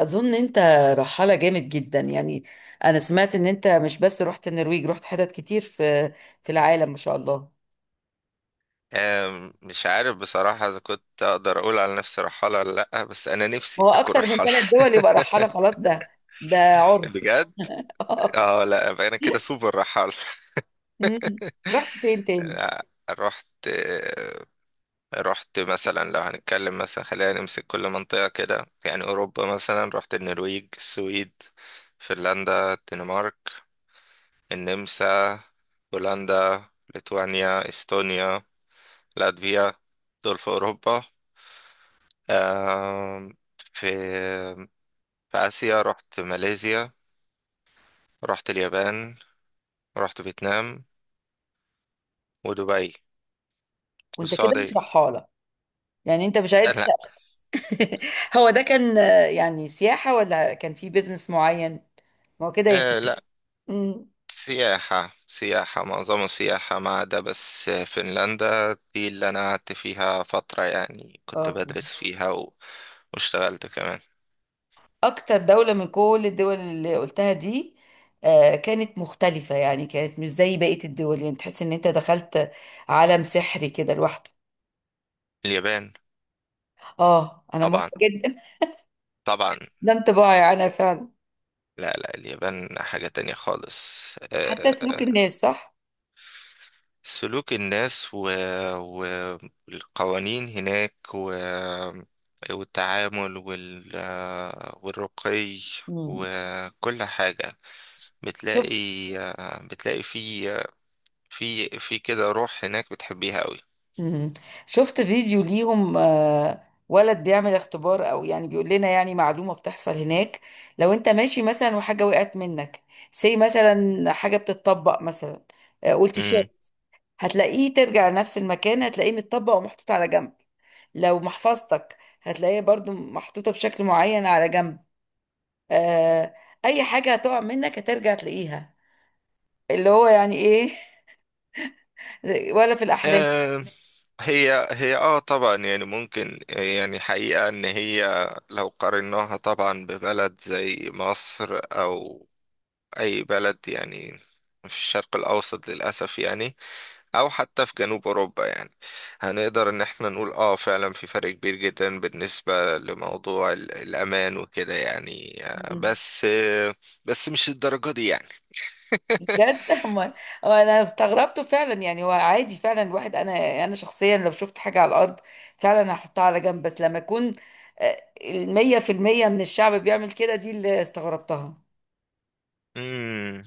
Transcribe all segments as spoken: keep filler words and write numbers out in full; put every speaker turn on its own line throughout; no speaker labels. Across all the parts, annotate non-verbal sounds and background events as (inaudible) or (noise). اظن انت رحالة جامد جدا يعني. انا سمعت ان انت مش بس رحت النرويج، رحت حتت كتير في في العالم، ما شاء الله.
آم، مش عارف بصراحة إذا كنت أقدر أقول على نفسي رحالة ولا لأ، بس أنا نفسي
هو
أكون
اكتر من
رحالة.
ثلاث دول
(laughs)
يبقى رحالة خلاص، ده ده عرف.
بجد.
(laughs)
اه، لأ، يبقى أنا كده سوبر رحالة.
مم. رحت فين
(laughs)
تاني؟
لأ، رحت آه، رحت مثلا، لو هنتكلم مثلا خلينا نمسك كل منطقة كده، يعني أوروبا مثلا، رحت النرويج، السويد، فنلندا، الدنمارك، النمسا، بولندا، ليتوانيا، استونيا، لاتفيا. دول في أوروبا. آم، في في آسيا رحت ماليزيا، رحت اليابان، رحت فيتنام، ودبي،
وانت كده
والسعودية.
مش رحالة؟ يعني انت مش
آه،
عايز.
لا.
(laughs) هو ده كان آه، يعني سياحة ولا كان في بيزنس معين؟ ما هو كده يفرق.
آه لا،
مم.
سياحة سياحة، معظم السياحة، ما عدا بس فنلندا دي اللي أنا قعدت فيها فترة، يعني كنت
اه،
بدرس فيها و... واشتغلت كمان.
اكتر دولة من كل الدول اللي قلتها دي آه، كانت مختلفة، يعني كانت مش زي بقية الدول، يعني تحس ان انت دخلت عالم سحري كده لوحده.
اليابان.
اه، انا موافقة
طبعا
جدا. (laughs)
طبعا.
ده انطباعي انا فعلا.
لا لا، اليابان حاجة تانية خالص.
حتى سلوك
آه،
الناس، صح؟
سلوك الناس و... و- والقوانين هناك، و... والتعامل وال... والرقي
مم.
وكل حاجة.
شفت؟
بتلاقي بتلاقي في في في كده روح هناك بتحبيها قوي.
مم. شفت فيديو ليهم، آه، ولد بيعمل اختبار، او يعني بيقول لنا يعني معلومة بتحصل هناك. لو انت ماشي مثلا وحاجة وقعت منك، سي مثلا حاجة بتتطبق مثلا، آه، قلت شو،
امم
هتلاقيه ترجع لنفس المكان، هتلاقيه متطبق ومحطوط على جنب. لو محفظتك هتلاقيها برضو محطوطة بشكل معين على جنب، آه أي حاجة هتقع منك هترجع تلاقيها، اللي هو يعني إيه. (laughs) ولا في الأحلام؟
آه هي هي، اه طبعا، يعني ممكن، يعني حقيقة ان هي لو قارناها طبعا ببلد زي مصر، او اي بلد يعني في الشرق الاوسط للاسف، يعني او حتى في جنوب اوروبا، يعني هنقدر ان احنا نقول اه فعلا في فرق كبير جدا بالنسبة لموضوع ال- الامان وكده، يعني آه، بس آه، بس مش الدرجة دي يعني.
بجد. (laughs) أما- أما أنا استغربته فعلا، يعني هو عادي فعلا، الواحد أنا أنا شخصيا لو شفت حاجة على الأرض فعلا هحطها على جنب، بس لما يكون آه، المية في المية من الشعب بيعمل كده، دي اللي استغربتها.
مم.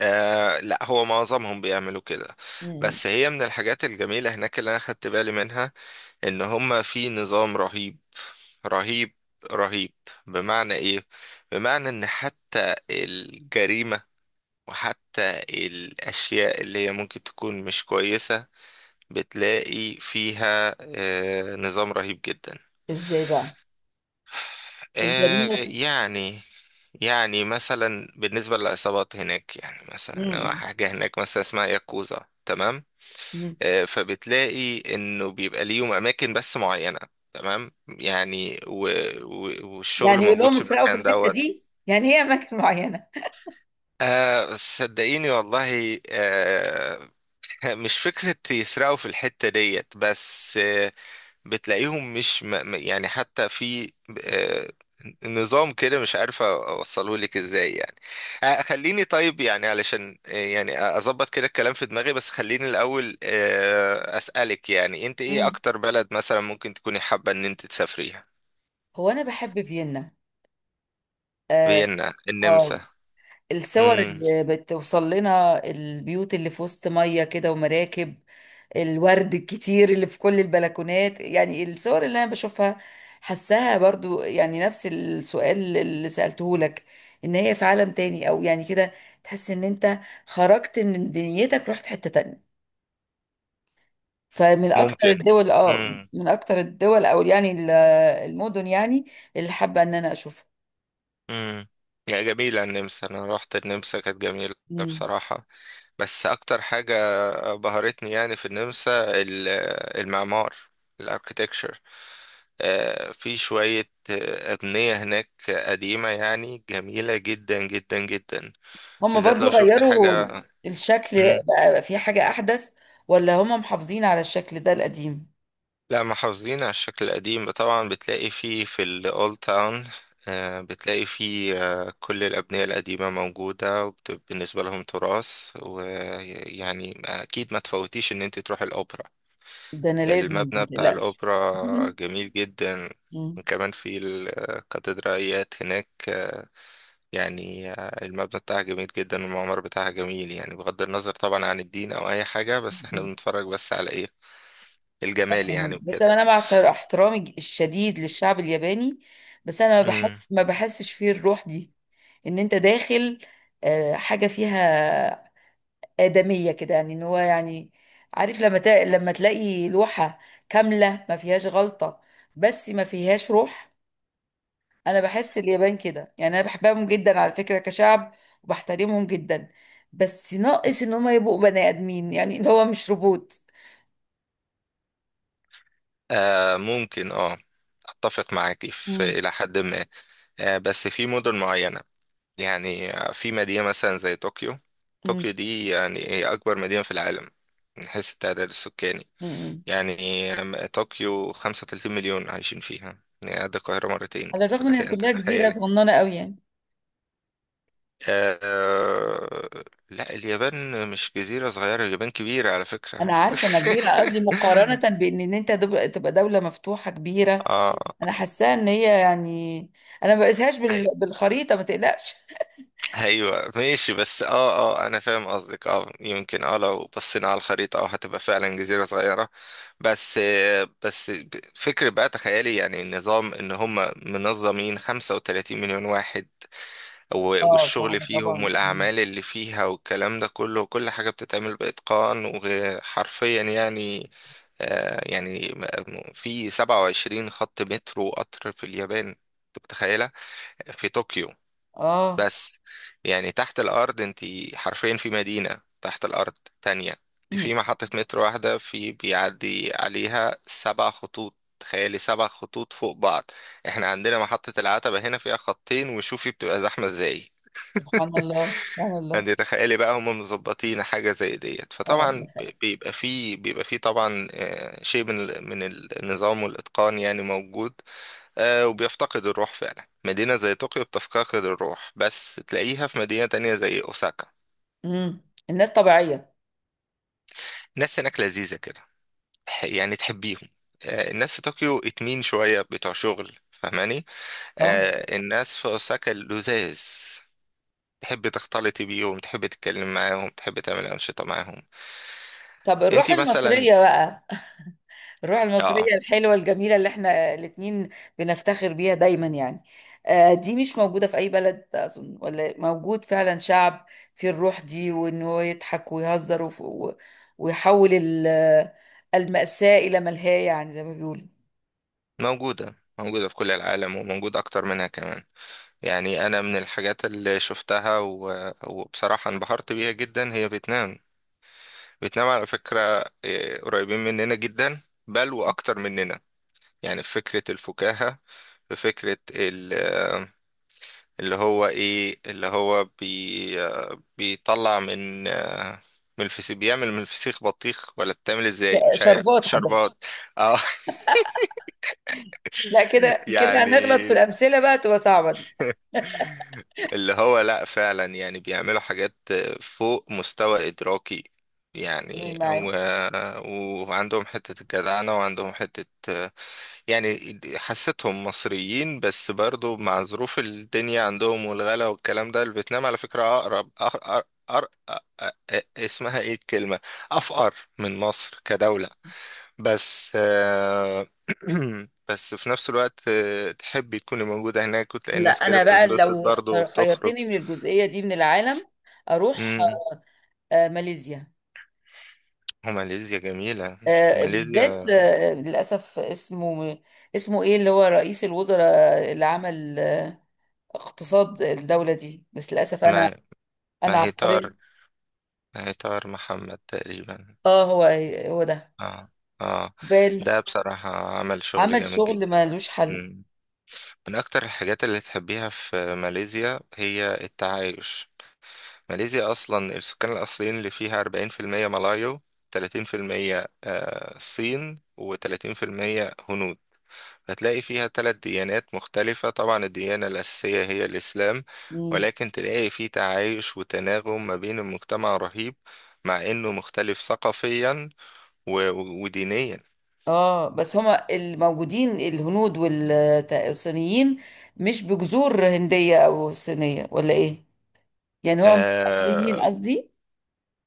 آه لا، هو معظمهم بيعملوا كده،
مم.
بس هي من الحاجات الجميلة هناك اللي انا خدت بالي منها، ان هما في نظام رهيب رهيب رهيب. بمعنى ايه؟ بمعنى ان حتى الجريمة، وحتى الاشياء اللي هي ممكن تكون مش كويسة، بتلاقي فيها آه، نظام رهيب جدا.
إزاي بقى؟
آه،
الجريمة؟
يعني يعني مثلا، بالنسبة للعصابات هناك، يعني مثلا
مم.
حاجة هناك مثلا اسمها ياكوزا، تمام؟
مم.
آه، فبتلاقي انه بيبقى ليهم اماكن بس معينة، تمام، يعني و... و... والشغل
يعني يقول
موجود
لهم
في
اسرقوا في
المكان
الحته
دوت.
دي؟ يعني هي اماكن معينه؟
آه، صدقيني والله. آه، (laughs) مش فكرة يسرقوا في الحتة ديت، بس آه، بتلاقيهم مش م... م- يعني حتى في آه، نظام كده مش عارف اوصله لك ازاي يعني. آه، خليني طيب، يعني علشان آه، يعني اظبط كده الكلام في دماغي، بس خليني الاول آه، اسالك، يعني انت ايه
مم.
اكتر بلد مثلا ممكن تكوني حابه ان انت تسافريها؟
هو انا بحب فيينا. اه،
فيينا، النمسا.
آه، الصور
مم.
اللي بتوصل لنا، البيوت اللي في وسط ميه كده ومراكب، الورد الكتير اللي في كل البلكونات، يعني الصور اللي انا بشوفها، حسها برضو يعني نفس السؤال اللي سألته لك، ان هي في عالم تاني او يعني كده، تحس ان انت خرجت من دنيتك، رحت حتة تانية. فمن اكتر
ممكن.
الدول اه
مم.
من اكتر الدول او يعني ال- المدن يعني اللي حابه ان انا اشوفها.
مم. يا جميله النمسا، انا رحت النمسا كانت جميله
مم.
بصراحه. بس اكتر حاجة بهرتني يعني في النمسا، ال- المعمار، الاركيتكتشر. في شوية آه، أبنية هناك قديمة يعني جميلة جدا جدا جدا،
هم
بالذات
برضو
لو شفت
غيروا
حاجة.
الشكل؟
مم.
بقى في حاجه احدث؟ ولا هم محافظين على الشكل ده القديم؟
لا، محافظين على الشكل القديم طبعا، بتلاقي فيه في الأولد تاون بتلاقي فيه آه، كل الأبنية القديمة موجودة، وبالنسبة لهم تراث، ويعني أكيد ما تفوتيش إن أنت تروح الأوبرا.
ده انا لازم
المبنى بتاع
متقلقش.
الأوبرا
(laughs)
جميل جدا،
مم.
وكمان في الكاتدرائيات هناك. آه، يعني آه، المبنى بتاعها جميل جدا، والمعمار بتاعها جميل، يعني بغض النظر طبعا عن الدين أو أي حاجة، بس احنا بنتفرج بس على إيه، الجمال يعني
أفهم. بس
وكده.
انا مع احتر- احترامي الشديد للشعب الياباني، بس انا بحس
مم.
ما بحسش فيه الروح دي، ان انت داخل آه، حاجه فيها آدمية كده، يعني ان هو يعني عارف لما تا... لما تلاقي لوحة كاملة ما فيهاش غلطة، بس ما فيهاش روح. انا بحس اليابان كده، يعني انا بحبهم جدا على فكرة كشعب وبحترمهم جدا، بس ناقص ان هم يبقوا بني ادمين، يعني اللي هو مش روبوت.
آه ممكن، اه أتفق معاكي في
مم.
إلى حد ما، آه بس في مدن معينة. يعني آه، في مدينة مثلا زي طوكيو.
مم.
طوكيو دي، يعني هي أكبر مدينة في العالم من حيث التعداد السكاني.
مم.
يعني طوكيو خمسة وثلاثين مليون عايشين فيها، يعني قد القاهرة مرتين،
على الرغم ان
فلك
هي
أن
كلها جزيرة
تتخيلي.
صغننة قوي يعني.
آه... لا، اليابان مش جزيرة صغيرة، اليابان كبيرة على
انا
فكرة.
عارفة انها كبيرة، قصدي مقارنة
(laughs)
بان ان انت دب- تبقى دولة مفتوحة كبيرة.
اه.
انا حاساها ان هي يعني انا ما بقيسهاش بال...
أي-
بالخريطة، ما تقلقش.
ايوه ماشي، بس اه، اه انا فاهم قصدك. اه، يمكن اه لو بصينا على الخريطة، اه هتبقى فعلا جزيرة صغيرة، بس آه، بس ب- فكرة بقى تخيلي يعني النظام، ان هم منظمين خمسة وثلاثين مليون واحد، و-
اه،
والشغل
صعبة
فيهم
طبعا. مم.
والأعمال اللي فيها والكلام ده كله، كل حاجة بتتعمل بإتقان وحرفيا يعني. آه يعني م- في سبعة وعشرين خط مترو وقطر في اليابان، أنت متخيلة؟ في طوكيو
اه.
بس، يعني تحت الأرض أنت حرفيا في مدينة تحت الأرض تانية. أنت
مم.
في محطة مترو واحدة في بيعدي عليها سبع خطوط، تخيلي، سبع خطوط فوق بعض. احنا عندنا محطة العتبة هنا فيها خطين وشوفي بتبقى زحمة ازاي،
سبحان الله، سبحان الله.
يعني تخيلي بقى هم مظبطين حاجة زي ديت،
اه، ده
فطبعا ب-
حقيقي.
بيبقى فيه بيبقى فيه طبعا آه، شيء من ال- من النظام والإتقان يعني موجود. آه، وبيفتقد الروح فعلا، مدينة زي طوكيو بتفتقد الروح، بس تلاقيها في مدينة تانية زي أوساكا.
مم. الناس طبيعية.
الناس هناك لذيذة كده، تح- يعني تحبيهم. آه، الناس في طوكيو اتمين شوية بتوع شغل فاهماني.
اه،
آه، الناس في أوساكا لذاذ، تحب تختلطي بيهم، تحب تتكلم معاهم، تحب تعمل أنشطة معاهم.
طب الروح
انتي مثلا.
المصرية بقى؟ (laughs) الروح
اه،
المصرية الحلوة الجميلة اللي احنا الاتنين بنفتخر بيها دايما، يعني آه دي مش موجودة في أي بلد أظن، ولا موجود فعلا شعب فيه الروح دي وإنه يضحك ويهزر وف- و- ويحول ال- المأساة إلى ملهاة، يعني زي ما بيقولوا.
موجودة موجودة في كل العالم، وموجود أكتر منها كمان. يعني أنا من الحاجات اللي شفتها و... وبصراحة انبهرت بيها جدا هي فيتنام. فيتنام على فكرة، إيه، قريبين مننا جدا، بل وأكتر مننا. يعني في فكرة الفكاهة، في فكرة ال... اللي هو إيه، اللي هو بي... بيطلع من آه، من الفسيخ، بيعمل من الفسيخ بطيخ، ولا بتعمل ازاي
ش-
مش عارف،
شربات حضرتك؟
شربات. اه.
لا،
(laughs)
كده كده هنغلط في
يعني
الأمثلة، بقى تبقى صعبة دي.
اللي هو لا فعلا يعني بيعملوا حاجات فوق مستوى إدراكي،
تمام
يعني و...
معاك.
وعندهم حتة الجدعنة، وعندهم حتة يعني حسيتهم مصريين، بس برضو مع ظروف الدنيا عندهم والغلا والكلام ده، الفيتنام على فكرة أقرب أقرب، أر... أ... أ... اسمها ايه الكلمة، أفقر من مصر كدولة. بس آه، (clears throat) بس في نفس الوقت آه، تحبي تكوني موجودة هناك، وتلاقي
لا
الناس كده
أنا بقى
بتنبسط
لو
برضه
اختار-
وبتخرج.
خيرتني من الجزئية دي من العالم أروح
امم.
آه، ماليزيا.
وماليزيا جميلة.
آه، بالذات
ماليزيا.
آه، للأسف اسمه، اسمه إيه اللي هو رئيس الوزراء اللي عمل آه، اقتصاد الدولة دي؟ بس للأسف أنا،
ما ما
أنا
هي طار
عبقرية.
ما هي طار محمد تقريبا.
آه، هو هو ده.
اه. اه.
بال
ده بصراحة عمل شغل
عمل
جامد
شغل
جدا.
ملوش حل.
مم. من أكتر الحاجات اللي تحبيها في ماليزيا هي التعايش. ماليزيا أصلا السكان الأصليين اللي فيها أربعين في المية ملايو، تلاتين في المية آه، صين، وتلاتين في المية هنود. هتلاقي فيها ثلاث ديانات مختلفة، طبعا الديانة الأساسية هي الإسلام،
مم.
ولكن تلاقي فيه تعايش وتناغم ما بين المجتمع رهيب، مع إنه مختلف ثقافيا و- و- ودينيا.
اه، بس هما الموجودين الهنود والصينيين مش بجذور هندية او صينية، ولا ايه؟ يعني هو مش اصليين
آه
قصدي.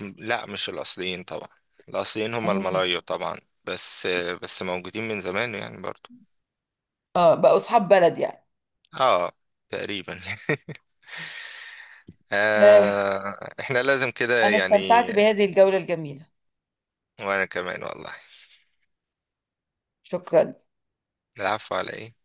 لا، مش الأصليين طبعا، الأصليين هم
اه.
الملايو طبعا. بس بس موجودين من زمان يعني برضو.
اه، بقوا اصحاب بلد يعني.
اه، تقريبا. (laughs)
آه،
آه احنا لازم كده
انا
يعني.
استمتعت بهذه الجولة الجميلة.
وانا كمان والله.
شكرا.
العفو، على ايه.